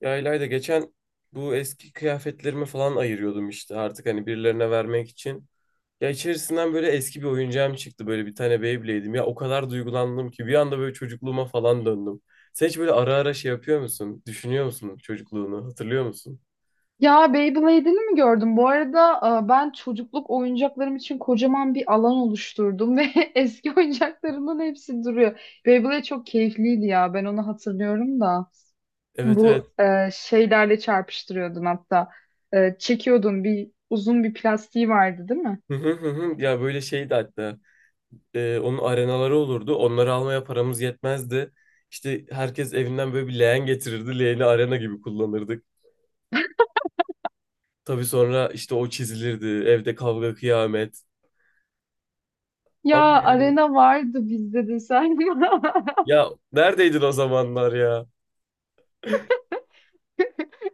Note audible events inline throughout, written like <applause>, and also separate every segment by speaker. Speaker 1: Ya İlayda geçen bu eski kıyafetlerimi falan ayırıyordum işte artık hani birilerine vermek için. Ya içerisinden böyle eski bir oyuncağım çıktı, böyle bir tane Beyblade'im. Ya o kadar duygulandım ki bir anda böyle çocukluğuma falan döndüm. Sen hiç böyle ara ara şey yapıyor musun? Düşünüyor musun çocukluğunu? Hatırlıyor musun?
Speaker 2: Ya Beyblade'ini mi gördüm? Bu arada ben çocukluk oyuncaklarım için kocaman bir alan oluşturdum ve <laughs> eski oyuncaklarımın hepsi duruyor. Beyblade çok keyifliydi ya. Ben onu hatırlıyorum da.
Speaker 1: Evet, evet.
Speaker 2: Bu şeylerle çarpıştırıyordun hatta. Çekiyordun bir uzun bir plastiği vardı değil mi?
Speaker 1: Hı hı, hı hı. Ya böyle şeydi hatta. Onun arenaları olurdu. Onları almaya paramız yetmezdi. İşte herkes evinden böyle bir leğen getirirdi. Leğeni arena gibi kullanırdık. Tabii sonra işte o çizilirdi. Evde kavga kıyamet. Ama
Speaker 2: Ya arena vardı bizde de sen. <laughs>
Speaker 1: ya neredeydin o zamanlar ya?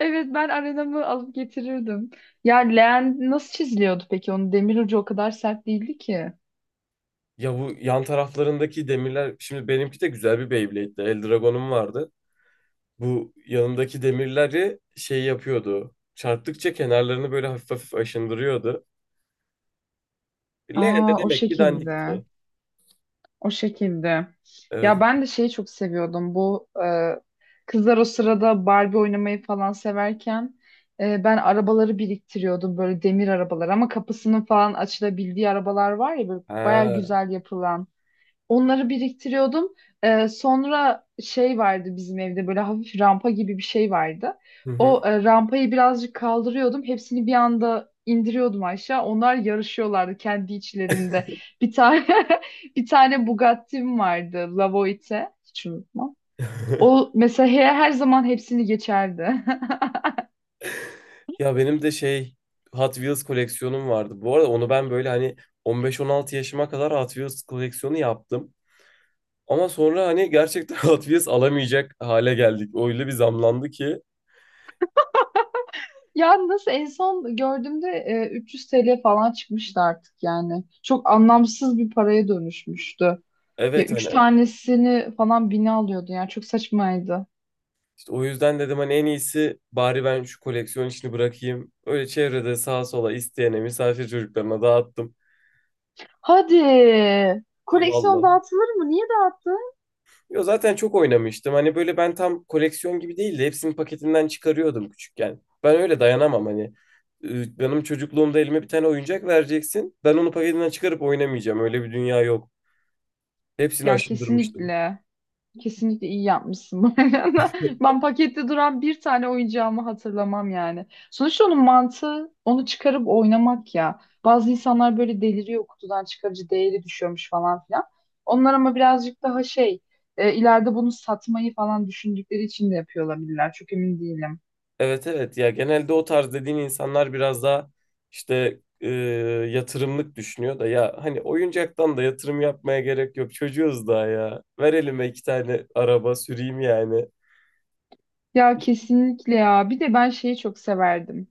Speaker 2: Evet ben arenamı alıp getirirdim. Ya leğen nasıl çiziliyordu peki? Onun demir ucu o kadar sert değildi ki.
Speaker 1: Ya bu yan taraflarındaki demirler, şimdi benimki de güzel bir Beyblade'di. Eldragon'um vardı. Bu yanındaki demirleri şey yapıyordu. Çarptıkça kenarlarını böyle hafif hafif aşındırıyordu. Leğen de
Speaker 2: Aa, o
Speaker 1: demek ki
Speaker 2: şekilde.
Speaker 1: dandikti.
Speaker 2: O şekilde. Ya
Speaker 1: Evet.
Speaker 2: ben de şeyi çok seviyordum. Bu kızlar o sırada Barbie oynamayı falan severken ben arabaları biriktiriyordum. Böyle demir arabalar ama kapısının falan açılabildiği arabalar var ya böyle baya
Speaker 1: Ha.
Speaker 2: güzel yapılan. Onları biriktiriyordum. Sonra şey vardı bizim evde böyle hafif rampa gibi bir şey vardı.
Speaker 1: Hı
Speaker 2: O
Speaker 1: hı.
Speaker 2: rampayı birazcık kaldırıyordum. Hepsini bir anda indiriyordum aşağı. Onlar yarışıyorlardı kendi içlerinde. Bir tane <laughs> bir tane Bugatti'm vardı. Lavoite. Hiç unutmam. O
Speaker 1: <laughs>
Speaker 2: mesela her zaman hepsini geçerdi. <laughs>
Speaker 1: Ya benim de şey, Hot Wheels koleksiyonum vardı. Bu arada onu ben böyle hani 15-16 yaşıma kadar Hot Wheels koleksiyonu yaptım. Ama sonra hani gerçekten <laughs> Hot alamayacak hale geldik. Öyle bir zamlandı ki.
Speaker 2: Ya nasıl en son gördüğümde 300 TL falan çıkmıştı artık yani. Çok anlamsız bir paraya dönüşmüştü. Ya
Speaker 1: Evet,
Speaker 2: üç
Speaker 1: hani
Speaker 2: tanesini falan bine alıyordu yani. Çok saçmaydı.
Speaker 1: işte o yüzden dedim hani en iyisi bari ben şu koleksiyon işini bırakayım. Öyle çevrede sağa sola isteyene, misafir çocuklarına dağıttım.
Speaker 2: Hadi. Koleksiyon
Speaker 1: Vallahi.
Speaker 2: dağıtılır mı? Niye dağıttın?
Speaker 1: Yo, zaten çok oynamıştım. Hani böyle ben tam koleksiyon gibi değil de hepsini paketinden çıkarıyordum küçükken. Ben öyle dayanamam hani. Benim çocukluğumda elime bir tane oyuncak vereceksin. Ben onu paketinden çıkarıp oynamayacağım. Öyle bir dünya yok. Hepsini
Speaker 2: Ya
Speaker 1: aşındırmıştım.
Speaker 2: kesinlikle. Kesinlikle iyi yapmışsın bu arada. <laughs> Ben pakette duran bir tane oyuncağımı hatırlamam yani. Sonuçta onun mantığı onu çıkarıp oynamak ya. Bazı insanlar böyle deliriyor kutudan çıkarıcı değeri düşüyormuş falan filan. Onlar ama birazcık daha şey ileride bunu satmayı falan düşündükleri için de yapıyor olabilirler. Çok emin değilim.
Speaker 1: Evet, evet, ya genelde o tarz dediğin insanlar biraz daha işte yatırımlık düşünüyor da, ya hani oyuncaktan da yatırım yapmaya gerek yok, çocuğuz daha, ya ver elime iki tane araba süreyim yani.
Speaker 2: Ya kesinlikle ya. Bir de ben şeyi çok severdim.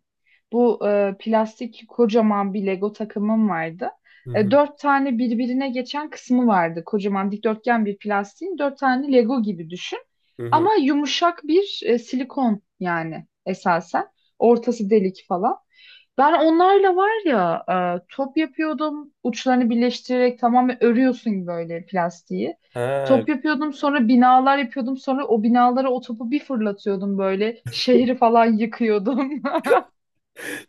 Speaker 2: Bu plastik kocaman bir Lego takımım vardı.
Speaker 1: Hı hı,
Speaker 2: Dört tane birbirine geçen kısmı vardı. Kocaman dikdörtgen bir plastiğin dört tane Lego gibi düşün.
Speaker 1: hı
Speaker 2: Ama
Speaker 1: hı.
Speaker 2: yumuşak bir silikon yani esasen. Ortası delik falan. Ben onlarla var ya top yapıyordum. Uçlarını birleştirerek tamamen örüyorsun böyle plastiği.
Speaker 1: Ha,
Speaker 2: Top yapıyordum sonra binalar yapıyordum. Sonra o binalara o topu bir fırlatıyordum böyle. Şehri falan yıkıyordum.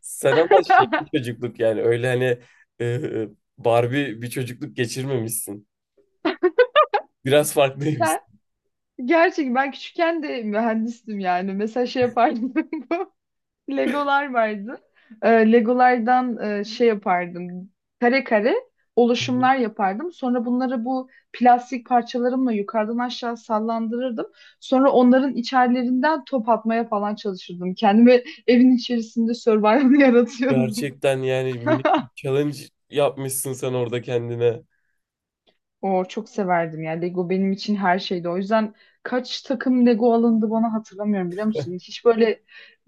Speaker 1: sen ama şey
Speaker 2: <laughs>
Speaker 1: bir çocukluk yani, öyle hani, e, Barbie bir çocukluk geçirmemişsin, biraz
Speaker 2: Ben
Speaker 1: farklıymışsın.
Speaker 2: gerçekten ben küçükken de mühendistim yani. Mesela şey yapardım. <laughs> Legolar vardı. Legolardan şey yapardım. Kare kare oluşumlar yapardım. Sonra bunları bu plastik parçalarımla yukarıdan aşağı sallandırırdım. Sonra onların içerilerinden top atmaya falan çalışırdım. Kendimi evin içerisinde survival <laughs> yaratıyordum.
Speaker 1: Gerçekten yani minik bir
Speaker 2: <laughs>
Speaker 1: challenge yapmışsın sen orada kendine.
Speaker 2: O çok severdim ya. Lego benim için her şeydi. O yüzden kaç takım Lego alındı bana hatırlamıyorum biliyor musun? Hiç böyle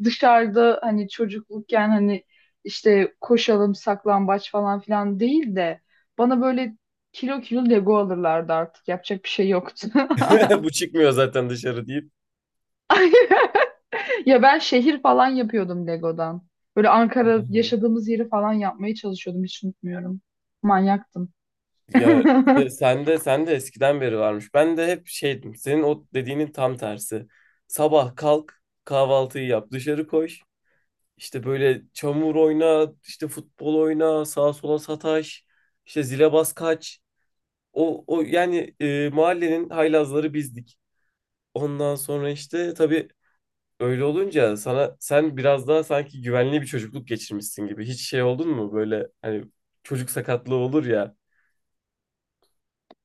Speaker 2: dışarıda hani çocuklukken hani işte koşalım saklambaç falan filan değil de bana böyle kilo kilo Lego alırlardı artık. Yapacak bir şey yoktu. <laughs>
Speaker 1: <laughs> Bu çıkmıyor zaten dışarı deyip.
Speaker 2: Ay, <laughs> ya ben şehir falan yapıyordum Lego'dan. Böyle Ankara
Speaker 1: Hı.
Speaker 2: yaşadığımız yeri falan yapmaya çalışıyordum. Hiç unutmuyorum. Manyaktım.
Speaker 1: Ya
Speaker 2: <laughs>
Speaker 1: sen de, sen de eskiden beri varmış. Ben de hep şeydim. Senin o dediğinin tam tersi. Sabah kalk, kahvaltıyı yap, dışarı koş. İşte böyle çamur oyna, işte futbol oyna, sağa sola sataş, işte zile bas kaç. O yani, mahallenin haylazları bizdik. Ondan sonra işte tabii, öyle olunca sana sen biraz daha sanki güvenli bir çocukluk geçirmişsin gibi. Hiç şey oldun mu böyle hani, çocuk sakatlığı olur ya.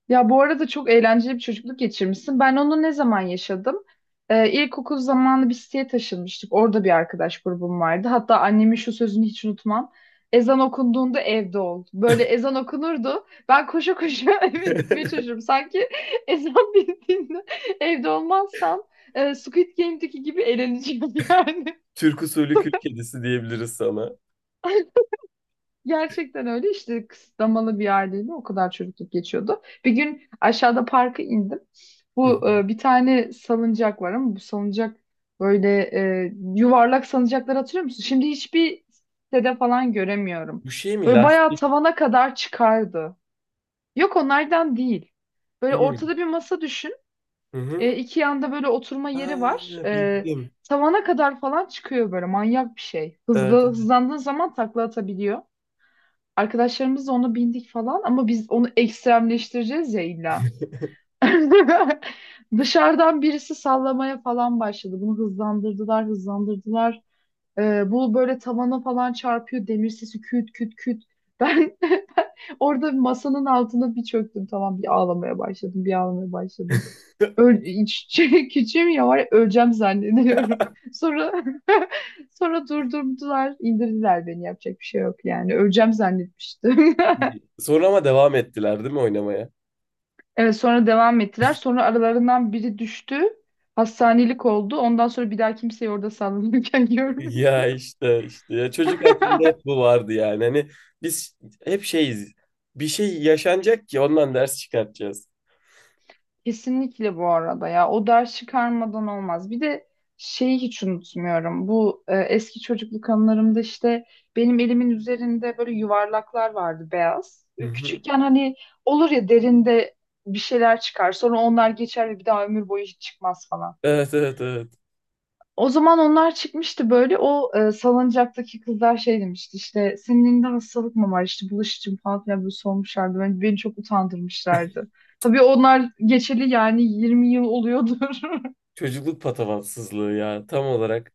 Speaker 2: Ya bu arada çok eğlenceli bir çocukluk geçirmişsin. Ben onu ne zaman yaşadım? İlkokul zamanı bir siteye taşınmıştık. Orada bir arkadaş grubum vardı. Hatta annemin şu sözünü hiç unutmam. Ezan okunduğunda evde ol. Böyle ezan okunurdu. Ben koşa koşa <laughs> eve gitmeye
Speaker 1: <laughs>
Speaker 2: çalışırım. Sanki <laughs> ezan bittiğinde evde olmazsam Squid Game'deki gibi eğleneceğim yani.
Speaker 1: Türk usulü kül kedisi diyebiliriz sana.
Speaker 2: <laughs> Gerçekten öyle işte kısıtlamalı bir aileyle o kadar çocukluk geçiyordu. Bir gün aşağıda parka indim.
Speaker 1: Hı
Speaker 2: Bu
Speaker 1: hı.
Speaker 2: bir tane salıncak var ama bu salıncak böyle yuvarlak salıncaklar hatırlıyor musun? Şimdi hiçbir sitede falan göremiyorum.
Speaker 1: Bu şey mi,
Speaker 2: Böyle bayağı
Speaker 1: lastik?
Speaker 2: tavana kadar çıkardı. Yok onlardan değil.
Speaker 1: Hı
Speaker 2: Böyle
Speaker 1: hı.
Speaker 2: ortada bir masa düşün.
Speaker 1: Hı.
Speaker 2: İki yanda böyle oturma yeri
Speaker 1: Ha,
Speaker 2: var.
Speaker 1: bildim.
Speaker 2: Tavana kadar falan çıkıyor böyle manyak bir şey.
Speaker 1: Evet.
Speaker 2: Hızlı hızlandığın zaman takla atabiliyor. Arkadaşlarımızla onu bindik falan ama biz onu ekstremleştireceğiz ya illa. <laughs> Dışarıdan birisi sallamaya falan başladı. Bunu hızlandırdılar, hızlandırdılar. Bu böyle tavana falan çarpıyor. Demir sesi küt küt küt. Ben, <laughs> ben orada masanın altına bir çöktüm. Tamam bir ağlamaya başladım, bir ağlamaya başladım.
Speaker 1: <laughs>
Speaker 2: <laughs> Şey, küçüğüm ya var ya, öleceğim zannediyorum. Sonra <laughs> sonra durdurdular, indirdiler beni. Yapacak bir şey yok yani. Öleceğim zannetmiştim. <laughs>
Speaker 1: Sonra ama devam ettiler değil mi oynamaya?
Speaker 2: Evet sonra devam ettiler. Sonra aralarından biri düştü. Hastanelik oldu. Ondan sonra bir daha kimseyi orada sallanırken <laughs> görmedim.
Speaker 1: Ya işte işte ya, çocuk aklında hep bu vardı yani. Hani biz hep şeyiz. Bir şey yaşanacak ki ondan ders çıkartacağız.
Speaker 2: Kesinlikle bu arada ya. O ders çıkarmadan olmaz. Bir de şeyi hiç unutmuyorum. Bu eski çocukluk anılarımda işte benim elimin üzerinde böyle yuvarlaklar vardı beyaz.
Speaker 1: Hı hı.
Speaker 2: Küçükken hani olur ya derinde bir şeyler çıkar. Sonra onlar geçer ve bir daha ömür boyu hiç çıkmaz falan.
Speaker 1: Evet, evet, evet.
Speaker 2: O zaman onlar çıkmıştı böyle o salıncaktaki kızlar şey demişti işte senin elinde hastalık mı var işte bulaşıcı mı falan filan böyle sormuşlardı. Ben, beni çok utandırmışlardı. Tabii onlar geçeli yani 20 yıl oluyordur.
Speaker 1: Çocukluk patavatsızlığı ya, tam olarak.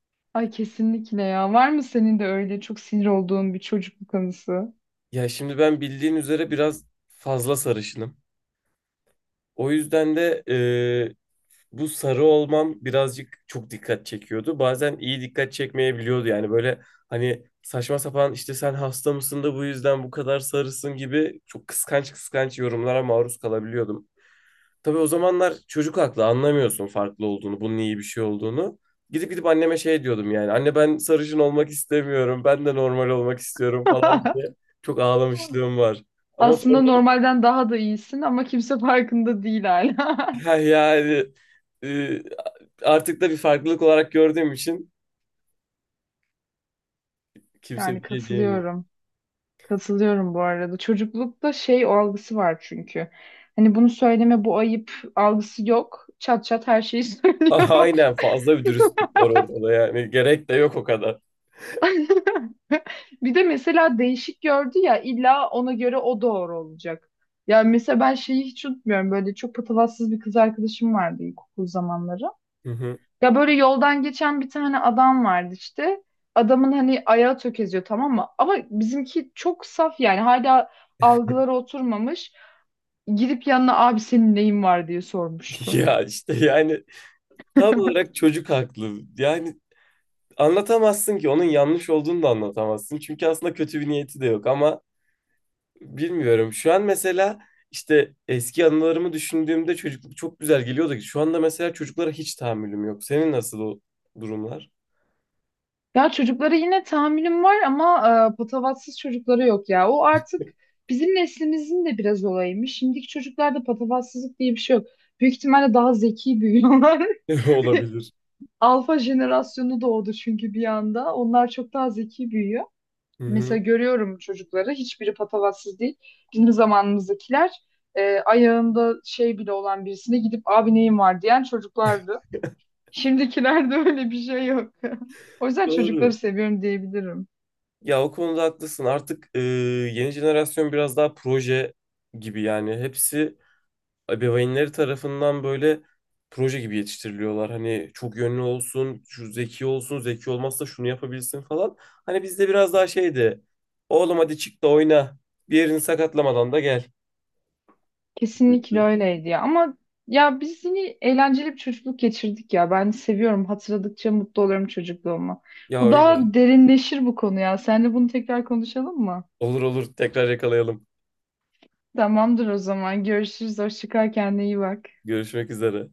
Speaker 2: <laughs> Ay kesinlikle ya. Var mı senin de öyle çok sinir olduğun bir çocukluk anısı?
Speaker 1: Ya şimdi ben bildiğin üzere biraz fazla sarışınım. O yüzden de bu sarı olmam birazcık çok dikkat çekiyordu. Bazen iyi dikkat çekmeyebiliyordu. Yani böyle hani saçma sapan işte sen hasta mısın da bu yüzden bu kadar sarısın gibi çok kıskanç kıskanç yorumlara maruz kalabiliyordum. Tabii o zamanlar çocuk aklı, anlamıyorsun farklı olduğunu, bunun iyi bir şey olduğunu. Gidip gidip anneme şey diyordum yani. Anne ben sarışın olmak istemiyorum. Ben de normal olmak istiyorum falan
Speaker 2: <laughs>
Speaker 1: diye. Çok ağlamışlığım var. Ama
Speaker 2: Aslında
Speaker 1: sonra
Speaker 2: normalden daha da iyisin ama kimse farkında değil hala. <laughs>
Speaker 1: <laughs> yani, e, artık da bir farklılık olarak gördüğüm için kimse
Speaker 2: Yani
Speaker 1: bir şey diyemiyor.
Speaker 2: katılıyorum. Katılıyorum bu arada. Çocuklukta şey o algısı var çünkü. Hani bunu söyleme bu ayıp algısı yok. Çat çat her şeyi <laughs>
Speaker 1: <laughs>
Speaker 2: söylüyorlar.
Speaker 1: Aynen, fazla bir dürüstlük var ortada yani. Gerek de yok o kadar.
Speaker 2: <laughs> Bir de mesela değişik gördü ya illa ona göre o doğru olacak. Ya mesela ben şeyi hiç unutmuyorum. Böyle çok patavatsız bir kız arkadaşım vardı ilkokul zamanları.
Speaker 1: Hı hı.
Speaker 2: Ya böyle yoldan geçen bir tane adam vardı işte. Adamın hani ayağı tökeziyor tamam mı? Ama bizimki çok saf yani hala algıları oturmamış. Gidip yanına abi senin neyin var diye
Speaker 1: <laughs>
Speaker 2: sormuştu.
Speaker 1: Ya işte yani tam olarak
Speaker 2: <laughs>
Speaker 1: çocuk haklı. Yani anlatamazsın ki, onun yanlış olduğunu da anlatamazsın. Çünkü aslında kötü bir niyeti de yok ama bilmiyorum. Şu an mesela işte eski anılarımı düşündüğümde çocukluk çok güzel geliyordu ki. Şu anda mesela çocuklara hiç tahammülüm yok. Senin nasıl o durumlar?
Speaker 2: Ya çocuklara yine tahammülüm var ama patavatsız çocukları yok ya. O artık bizim neslimizin de biraz olayıymış. Şimdiki çocuklarda patavatsızlık diye bir şey yok. Büyük ihtimalle daha zeki büyüyorlar.
Speaker 1: <laughs> Olabilir.
Speaker 2: <laughs> Alfa jenerasyonu doğdu çünkü bir anda. Onlar çok daha zeki büyüyor.
Speaker 1: Hı
Speaker 2: Mesela
Speaker 1: hı.
Speaker 2: görüyorum çocukları. Hiçbiri patavatsız değil. Bizim zamanımızdakiler ayağında şey bile olan birisine gidip abi neyin var diyen çocuklardı. Şimdikilerde öyle bir şey yok. <laughs> O yüzden çocukları
Speaker 1: Doğru.
Speaker 2: seviyorum diyebilirim.
Speaker 1: Ya o konuda haklısın. Artık yeni jenerasyon biraz daha proje gibi, yani hepsi ebeveynleri tarafından böyle proje gibi yetiştiriliyorlar. Hani çok yönlü olsun, şu zeki olsun, zeki olmazsa şunu yapabilsin falan. Hani bizde biraz daha şeydi. Oğlum hadi çık da oyna. Bir yerini sakatlamadan da gel.
Speaker 2: Kesinlikle öyleydi ya. Ama ya biz yine eğlenceli bir çocukluk geçirdik ya. Ben seviyorum. Hatırladıkça mutlu oluyorum çocukluğuma.
Speaker 1: Ya
Speaker 2: Bu
Speaker 1: öyle.
Speaker 2: daha derinleşir bu konu ya. Seninle bunu tekrar konuşalım mı?
Speaker 1: Olur, olur, tekrar yakalayalım.
Speaker 2: Tamamdır o zaman. Görüşürüz. Hoşça kal. Kendine iyi bak.
Speaker 1: Görüşmek üzere.